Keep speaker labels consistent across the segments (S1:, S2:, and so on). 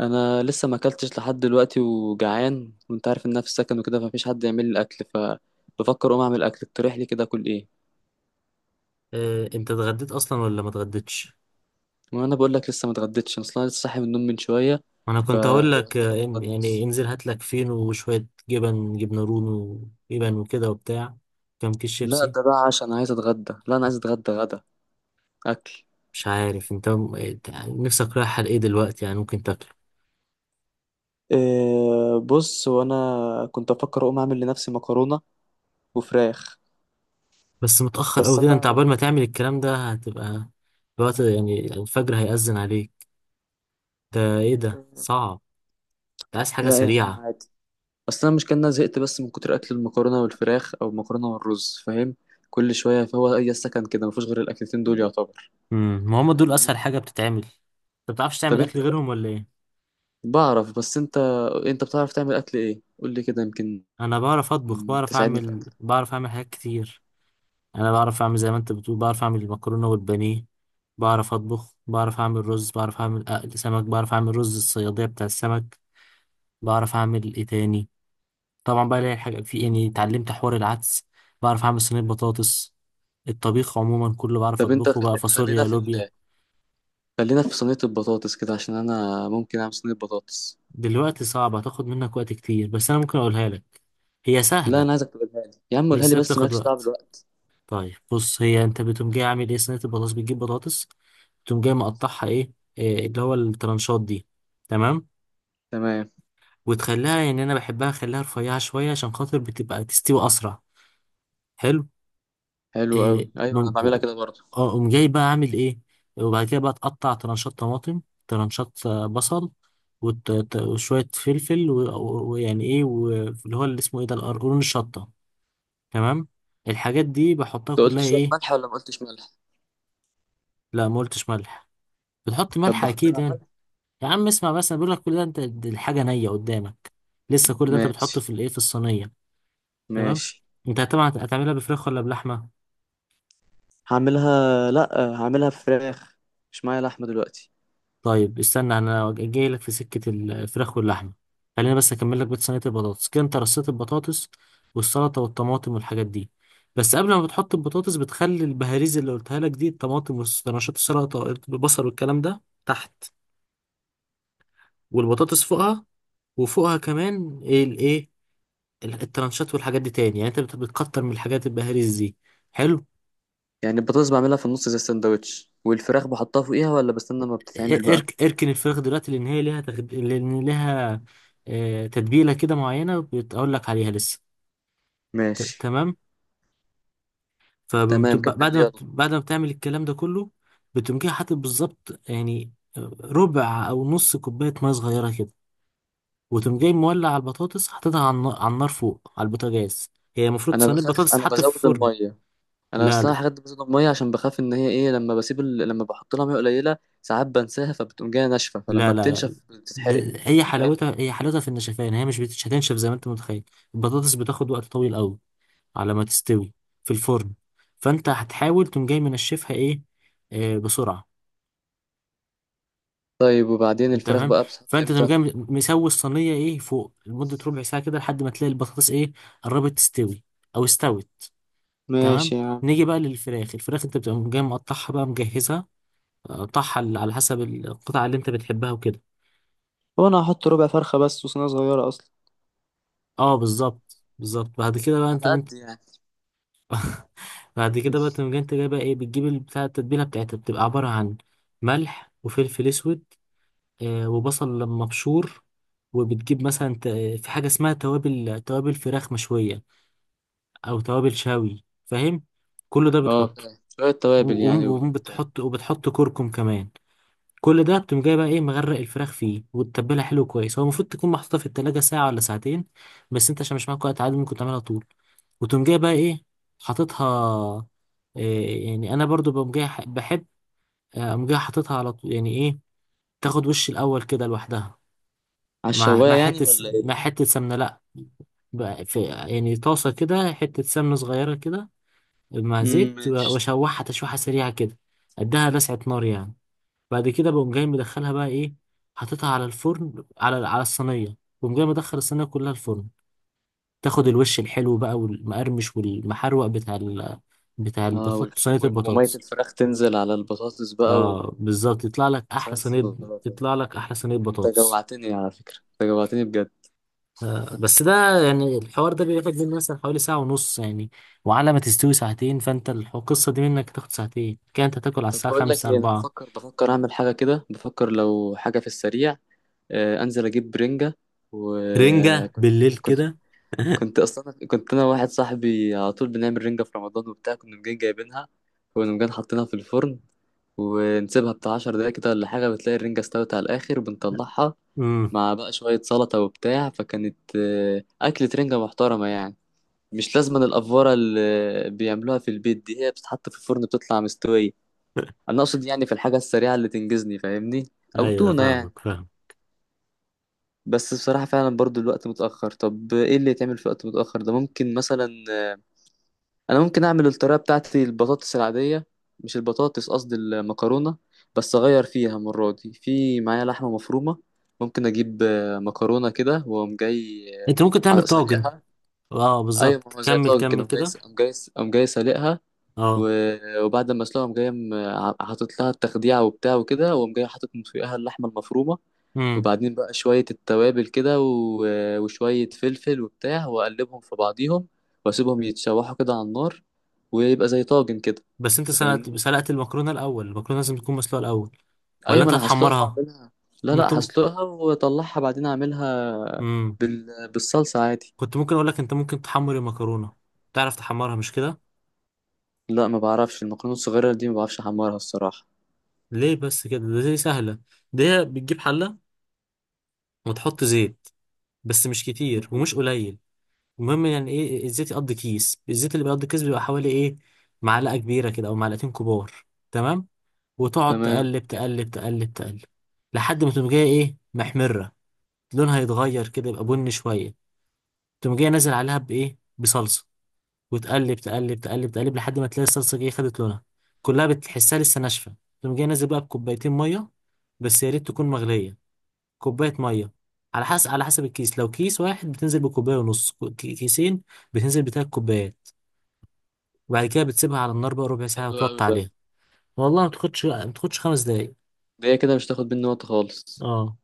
S1: انا لسه ما اكلتش لحد دلوقتي وجعان، وانت عارف ان انا في السكن وكده، فمفيش حد يعمل لي الاكل. فبفكر اقوم اعمل اكل. اقترح لي كده اكل ايه؟
S2: انت اتغديت اصلا ولا ما اتغديتش؟
S1: وانا بقول لك لسه ما اتغديتش. انا اصلا لسه صاحي من النوم من شويه،
S2: انا كنت هقول لك
S1: فيعتبر ما
S2: يعني
S1: اتغديتش.
S2: انزل هات لك فينو وشويه جبن، جبنه رومي وجبن وكده وبتاع، كام كيس
S1: لا
S2: شيبسي.
S1: ده بقى عشان عايز اتغدى. لا، انا عايز اتغدى غدا. اكل.
S2: مش عارف انت إنت نفسك رايح على ايه دلوقتي يعني ممكن تاكله،
S1: إيه؟ بص، وانا كنت افكر اقوم اعمل لنفسي مكرونه وفراخ.
S2: بس متاخر
S1: بس
S2: قوي كده. انت عبال
S1: انا
S2: ما تعمل الكلام ده هتبقى الوقت، يعني الفجر هيأذن عليك. ده ايه ده،
S1: إيه،
S2: صعب. انت عايز حاجه
S1: لا يا عم
S2: سريعه.
S1: عادي. اصل انا مش كان أنا زهقت، بس من كتر اكل المكرونه والفراخ او المكرونه والرز، فاهم؟ كل شويه، فهو اي سكن كده مفيش غير الاكلتين دول يعتبر.
S2: ما هم دول اسهل
S1: فاهمني.
S2: حاجه بتتعمل. انت بتعرفش تعمل
S1: طب
S2: اكل
S1: انت،
S2: غيرهم ولا ايه؟
S1: بعرف، بس انت، انت بتعرف تعمل اكل ايه؟ قول لي كده يمكن
S2: انا بعرف اطبخ، بعرف
S1: تساعدني في
S2: اعمل،
S1: اكل.
S2: بعرف اعمل حاجات كتير. انا بعرف اعمل زي ما انت بتقول، بعرف اعمل المكرونه والبانيه، بعرف اطبخ، بعرف اعمل رز، بعرف اعمل اقل سمك، بعرف اعمل رز الصياديه بتاع السمك. بعرف اعمل ايه تاني. طبعا بقى الاقي حاجه في إيه؟ يعني اتعلمت حوار العدس، بعرف اعمل صينيه بطاطس. الطبيخ عموما كله بعرف
S1: طب انت
S2: اطبخه، بقى
S1: خلينا
S2: فاصوليا لوبيا.
S1: خلينا في صينيه البطاطس كده، عشان انا ممكن اعمل صينيه بطاطس.
S2: دلوقتي صعبه هتاخد منك وقت كتير، بس انا ممكن اقولها لك. هي
S1: لا
S2: سهله
S1: انا عايزك تقولها لي، يا عم قولها
S2: بس
S1: لي
S2: هي
S1: بس
S2: بتاخد
S1: مالكش دعوه
S2: وقت.
S1: بالوقت.
S2: طيب بص، هي انت بتقوم جاي عامل ايه صينية البطاطس؟ بتجيب بطاطس، بتقوم جاي مقطعها ايه، إيه اللي هو الترانشات دي، تمام.
S1: تمام.
S2: وتخليها يعني انا بحبها اخليها رفيعة شوية عشان خاطر بتبقى تستوي اسرع، حلو.
S1: حلو
S2: إيه
S1: قوي، ايوه انا
S2: بم-
S1: بعملها كده برضه.
S2: اه قوم جاي بقى عامل ايه. وبعد كده بقى تقطع ترانشات طماطم، ترانشات بصل، وشوية فلفل ويعني ايه، واللي هو اللي اسمه ايه ده، القرقرون، الشطة، تمام. الحاجات دي بحطها
S1: انت قلت
S2: كلها
S1: شويه
S2: ايه.
S1: ملح ولا ما قلتش ملح؟
S2: لا ما قلتش ملح، بتحط
S1: طب
S2: ملح
S1: بحط
S2: اكيد
S1: لها
S2: يعني.
S1: ملح.
S2: يا عم اسمع بس، انا بقول لك كل ده، انت دي الحاجه نيه قدامك لسه. كل ده انت بتحطه
S1: ماشي،
S2: في الايه، في الصينيه، تمام.
S1: ماشي.
S2: انت طبعا هتعملها بفراخ ولا بلحمه؟
S1: هعملها لا، هعملها فراخ. مش معايا لحمة دلوقتي.
S2: طيب استنى انا جاي لك في سكه الفراخ واللحمه. خلينا بس اكمل لك بيت صينيه البطاطس كده. انت رصيت البطاطس والسلطه والطماطم والحاجات دي، بس قبل ما بتحط البطاطس بتخلي البهاريز اللي قلتها لك دي، الطماطم والرشات، السلطه، البصل والكلام ده تحت، والبطاطس فوقها، وفوقها كمان ايه الايه، الترانشات والحاجات دي تاني. يعني انت بتكتر من الحاجات البهاريز دي، حلو.
S1: يعني البطاطس بعملها في النص زي السندوتش والفراخ بحطها فوقيها، ولا بستنى ما بتتعمل بقى؟
S2: اركن الفراخ دلوقتي، لان هي ليها لان ليها تتبيله كده معينه بتقول لك عليها لسه.
S1: ماشي.
S2: تمام. فبعد
S1: تمام كمل لي
S2: ما بت...
S1: يلا.
S2: بعد ما بتعمل الكلام ده كله، بتقوم جاي حاطط بالظبط يعني ربع او نص كوبايه ميه صغيره كده. وتقوم جاي مولع على البطاطس، حاططها على النار، فوق على البوتاجاز. هي المفروض
S1: انا
S2: صينيه
S1: بخاف،
S2: بطاطس
S1: انا
S2: تتحط في
S1: بزود
S2: الفرن.
S1: المية. انا
S2: لا
S1: اصلا
S2: لا
S1: الحاجات دي بزود المية، عشان بخاف ان هي ايه لما لما بحط لها مية قليلة ساعات بنساها، فبتقوم جاية ناشفة،
S2: لا
S1: فلما
S2: لا لا،
S1: بتنشف بتتحرق.
S2: ده هي
S1: فاهم؟
S2: حلاوتها، هي حلاوتها في النشفان. هي مش بتش- هتنشف زي ما انت متخيل. البطاطس بتاخد وقت طويل قوي على ما تستوي في الفرن. فانت هتحاول تقوم جاي منشفها ايه، آه بسرعه.
S1: طيب وبعدين
S2: انت
S1: الفراخ
S2: فاهم.
S1: بقى بتحط
S2: فانت تقوم
S1: امتى؟
S2: جاي مسوي الصينيه ايه فوق لمده ربع ساعه كده لحد ما تلاقي البطاطس ايه، قربت تستوي او استوت،
S1: ماشي
S2: تمام.
S1: يا عم.
S2: نيجي بقى للفراخ. الفراخ انت بتقوم جاي مقطعها بقى مجهزها، قطعها على حسب القطعه اللي انت بتحبها وكده.
S1: هو انا هحط ربع فرخة بس، وصينية صغيرة اصلا،
S2: اه بالظبط بالظبط، بعد كده بقى
S1: على
S2: انتم
S1: قد يعني.
S2: بعد كده بقى تقوم جاي، انت جايبه ايه، بتجيب البتاع، التتبيله بتاعتها بتبقى عباره عن ملح وفلفل اسود، آه وبصل لما مبشور. وبتجيب مثلا ت- في حاجه اسمها توابل، توابل فراخ مشويه او توابل شوي فاهم. كل ده
S1: اه
S2: بتحطه،
S1: فاهم. شوية توابل
S2: و-
S1: يعني
S2: و-
S1: وبتاع.
S2: وبتحط وبتحط كركم كمان. كل ده بتقوم جاي بقى ايه مغرق الفراخ فيه وتتبلها حلو كويس. هو المفروض تكون محطوطه في التلاجة ساعه ولا ساعتين، بس انت عشان مش معاك وقت عادي ممكن تعملها طول. وتقوم جاي بقى ايه حاططها. إيه يعني انا برضو بقوم جاي بحب اقوم جاي حاططها على طول، يعني ايه، تاخد وش الاول كده لوحدها
S1: على الشواية يعني ولا
S2: مع
S1: ايه؟
S2: حته سمنه. لا بقى في يعني طاسه كده، حته سمنه صغيره كده مع
S1: مم،
S2: زيت
S1: ماشي.
S2: واشوحها تشويحه سريعه كده، اديها لسعه نار يعني. بعد كده بقوم جاي مدخلها بقى ايه، حاططها على الفرن، على الصينيه، بقوم جاي مدخل الصينيه كلها الفرن. تاخد الوش الحلو بقى والمقرمش والمحروق بتاع
S1: اه
S2: البطاطس،
S1: والف...
S2: صينيه
S1: و- ومية
S2: البطاطس.
S1: الفراخ تنزل على البطاطس بقى و...
S2: اه بالظبط، يطلع لك احلى
S1: صينية
S2: صينيه،
S1: البطاطس.
S2: يطلع لك احلى صينيه
S1: انت
S2: بطاطس.
S1: جوعتني على فكرة، انت جوعتني بجد.
S2: آه بس ده يعني الحوار ده بياخد مني مثلا حوالي ساعه ونص يعني، وعلى ما تستوي ساعتين. فانت القصه دي منك تاخد ساعتين كده، انت تاكل على
S1: طب
S2: الساعه
S1: بقول لك
S2: 5
S1: ايه، انا
S2: 4.
S1: بفكر، بفكر اعمل حاجة كده، بفكر لو حاجة في السريع. آه انزل اجيب برنجة.
S2: رنجه
S1: وكنت
S2: بالليل
S1: كنت
S2: كده؟
S1: كنت اصلا، كنت انا واحد صاحبي على طول بنعمل رنجة في رمضان وبتاع، كنا مجان جايبينها، كنا مجان حاطينها في الفرن ونسيبها بتاع 10 دقايق كده ولا حاجة، بتلاقي الرنجة استوت على الآخر بنطلعها
S2: امم،
S1: مع بقى شوية سلطة وبتاع. فكانت أكلة رنجة محترمة يعني. مش لازم الأفورة اللي بيعملوها في البيت دي. هي بتتحط في الفرن بتطلع مستوية. أنا أقصد يعني في الحاجة السريعة اللي تنجزني، فاهمني؟ أو
S2: ايوه
S1: تونة يعني.
S2: فاهمك فاهم.
S1: بس بصراحة فعلا برضو الوقت متأخر. طب إيه اللي يتعمل في وقت متأخر ده؟ ممكن مثلا انا ممكن اعمل الطريقه بتاعتي، البطاطس العاديه، مش البطاطس، قصدي المكرونه. بس اغير فيها المره دي، في معايا لحمه مفرومه. ممكن اجيب مكرونه كده واقوم جاي
S2: انت ممكن تعمل طاجن.
S1: سالقها.
S2: اه
S1: ايوه، ما
S2: بالظبط،
S1: هو زي
S2: كمل
S1: طاجن كده
S2: كمل
S1: قوم جاي
S2: كده.
S1: قوم جاي قوم جاي سالقها.
S2: اه،
S1: وبعد ما اسلقها قوم جاي حاطط لها التخديعه وبتاع وكده، واقوم جاي حاطط من فوقها اللحمه المفرومه.
S2: امم.
S1: وبعدين بقى شوية التوابل كده وشوية فلفل وبتاع، وأقلبهم في بعضيهم وأسيبهم يتشوحوا كده على النار، ويبقى زي طاجن كده.
S2: بس انت
S1: أنت
S2: سلقت
S1: فاهمني؟
S2: سلقت المكرونه الاول؟ المكرونه لازم تكون مسلوقه الاول ولا
S1: أيوة، ما
S2: انت
S1: أنا هسلقها
S2: هتحمرها؟
S1: وأعملها. لا
S2: انت
S1: لا، هسلقها وأطلعها بعدين أعملها
S2: امم
S1: بالصلصة عادي.
S2: كنت ممكن اقول لك انت ممكن تحمر المكرونه، تعرف تحمرها مش كده؟
S1: لا ما بعرفش المكرونة الصغيرة دي، ما بعرفش أحمرها الصراحة.
S2: ليه بس كده، ده دي سهله. ده هي بتجيب حله وتحط زيت، بس مش كتير
S1: مم.
S2: ومش قليل. المهم يعني ايه الزيت يقضي كيس، الزيت اللي بيقضي كيس بيبقى حوالي ايه، معلقه كبيره كده او معلقتين كبار، تمام. وتقعد
S1: تمام
S2: تقلب
S1: معاك.
S2: تقلب تقلب تقلب لحد ما تقوم جاية ايه محمرة، لونها يتغير كده يبقى بني شوية. تقوم جاية نازل عليها بإيه، بصلصة، وتقلب تقلب تقلب تقلب لحد ما تلاقي الصلصة جاية خدت لونها كلها، بتحسها لسه ناشفة. تقوم جاية نازل بقى بكوبايتين مية، بس يا ريت تكون مغلية. كوباية مية، على حسب الكيس. لو كيس واحد بتنزل بكوباية ونص، كيسين بتنزل بتلات كوبايات. وبعد كده بتسيبها على النار بقى ربع ساعة
S1: حلو أوي
S2: وتوطي
S1: ده.
S2: عليها. والله ما تاخدش، ما تاخدش خمس دقايق.
S1: ده هي كده مش هتاخد مني وقت خالص.
S2: اه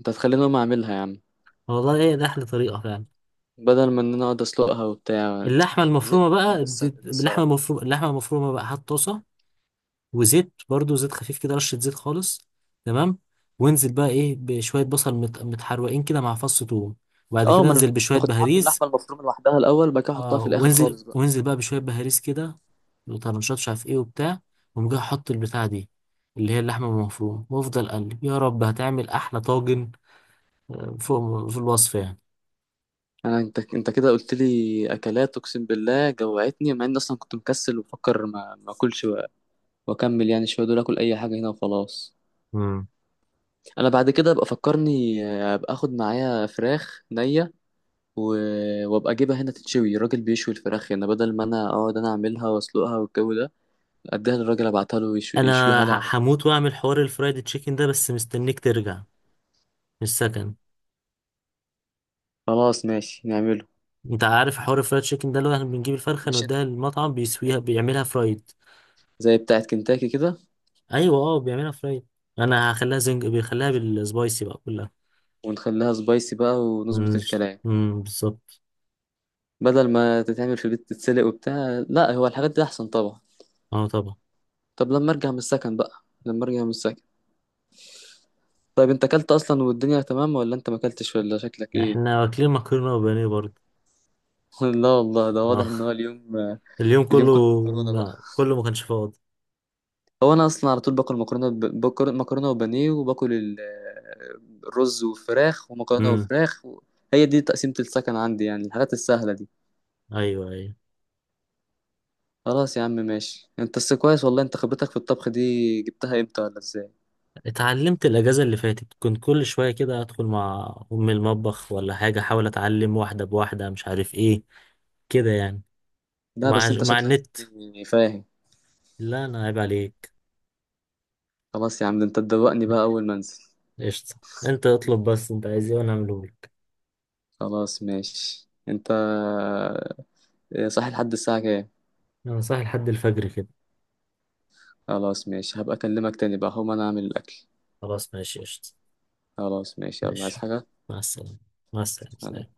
S1: أنت هتخليني أقوم أعملها يا عم،
S2: والله، هي ده احلى طريقه فعلا.
S1: بدل ما إن أنا أقعد أسلقها وبتاع.
S2: اللحمه المفرومه
S1: زهقت من حوار
S2: بقى دي-
S1: السلق ده
S2: اللحمه
S1: الصراحة.
S2: المفرومه اللحمه المفرومه بقى، هات طاسه وزيت، برضو زيت خفيف كده، رشه زيت خالص، تمام. وانزل بقى ايه بشويه بصل متحروقين كده مع فص ثوم، وبعد
S1: اه
S2: كده
S1: ما انا
S2: انزل بشويه
S1: كنت عامل
S2: بهاريز.
S1: اللحمه المفرومه لوحدها الاول بعد كده احطها
S2: اه،
S1: في الاخر خالص بقى.
S2: وانزل بقى بشويه بهاريز كده، وطرنشات مش عارف ايه وبتاع، وقوم جاي احط البتاع دي اللي هي اللحمه المفرومه، وافضل اقلب، يا رب هتعمل احلى طاجن، فوق فوق الوصف
S1: انا انت كده قلت لي اكلات اقسم بالله جوعتني، مع اني اصلا كنت مكسل وفكر ما اكلش، واكمل يعني شويه دول اكل اي حاجه هنا وخلاص.
S2: يعني.
S1: انا بعد كده ابقى فكرني ابقى اخد معايا فراخ نيه و... وابقى اجيبها هنا تتشوي. الراجل بيشوي الفراخ هنا بدل ما انا اقعد انا اعملها واسلقها والجو ده. اديها للراجل ابعتها له
S2: انا
S1: يشويها لي على طول.
S2: هموت واعمل حوار الفرايد تشيكن ده، بس مستنيك ترجع من السكن.
S1: خلاص ماشي نعمله.
S2: انت عارف حوار الفرايد تشيكن ده اللي هو احنا بنجيب الفرخه
S1: مش انت-...
S2: نوديها المطعم بيسويها، بيعملها فرايد.
S1: زي بتاعت كنتاكي كده.
S2: ايوه اه، بيعملها فرايد. انا هخليها زنج، بيخليها بالسبايسي بقى كلها.
S1: ونخليها سبايسي بقى ونظبط
S2: مم،
S1: الكلام.
S2: مم، بالظبط.
S1: بدل ما تتعمل في البيت تتسلق وبتاع، لا هو الحاجات دي احسن طبعا.
S2: اه طبعا.
S1: طب لما ارجع من السكن بقى. لما ارجع من السكن. طيب انت اكلت اصلا والدنيا تمام، ولا انت ما اكلتش ولا شكلك ايه؟
S2: احنا واكلين مكرونه وبانيه برضه.
S1: لا والله ده واضح
S2: اه
S1: ان هو اليوم
S2: اليوم
S1: اليوم كله
S2: كله
S1: مكرونه بقى.
S2: كله ما كانش فاضي.
S1: هو انا اصلا على طول باكل مكرونه، باكل مكرونه وبانيه وباكل الرز وفراخ ومكرونه
S2: امم،
S1: وفراخ و... هي دي تقسيمه السكن عندي يعني، الحاجات السهله دي.
S2: ايوه ايوه.
S1: خلاص يا عم ماشي. انت بس كويس والله، انت خبرتك في الطبخ دي جبتها امتى ولا ازاي؟
S2: اتعلمت الأجازة اللي فاتت، كنت كل شوية كده أدخل مع أم المطبخ ولا حاجة أحاول أتعلم واحدة بواحدة مش عارف إيه كده يعني،
S1: لا
S2: مع
S1: بس انت
S2: مع
S1: شكلك
S2: النت.
S1: يعني فاهم.
S2: لا أنا عيب عليك.
S1: خلاص يا عم ده انت تدوقني بقى اول ما انزل.
S2: قشطة، أنت اطلب بس أنت عايز إيه وأنا أعملهولك.
S1: خلاص ماشي. انت صحي لحد الساعة كام؟
S2: أنا صاحي لحد الفجر كده.
S1: خلاص ماشي. هبقى اكلمك تاني بقى. هقوم انا اعمل الاكل.
S2: خلاص ماشي قشطة.
S1: خلاص ماشي يلا عايز
S2: ماشي.
S1: حاجة.
S2: مع السلامة. مع
S1: سلام.
S2: السلامة.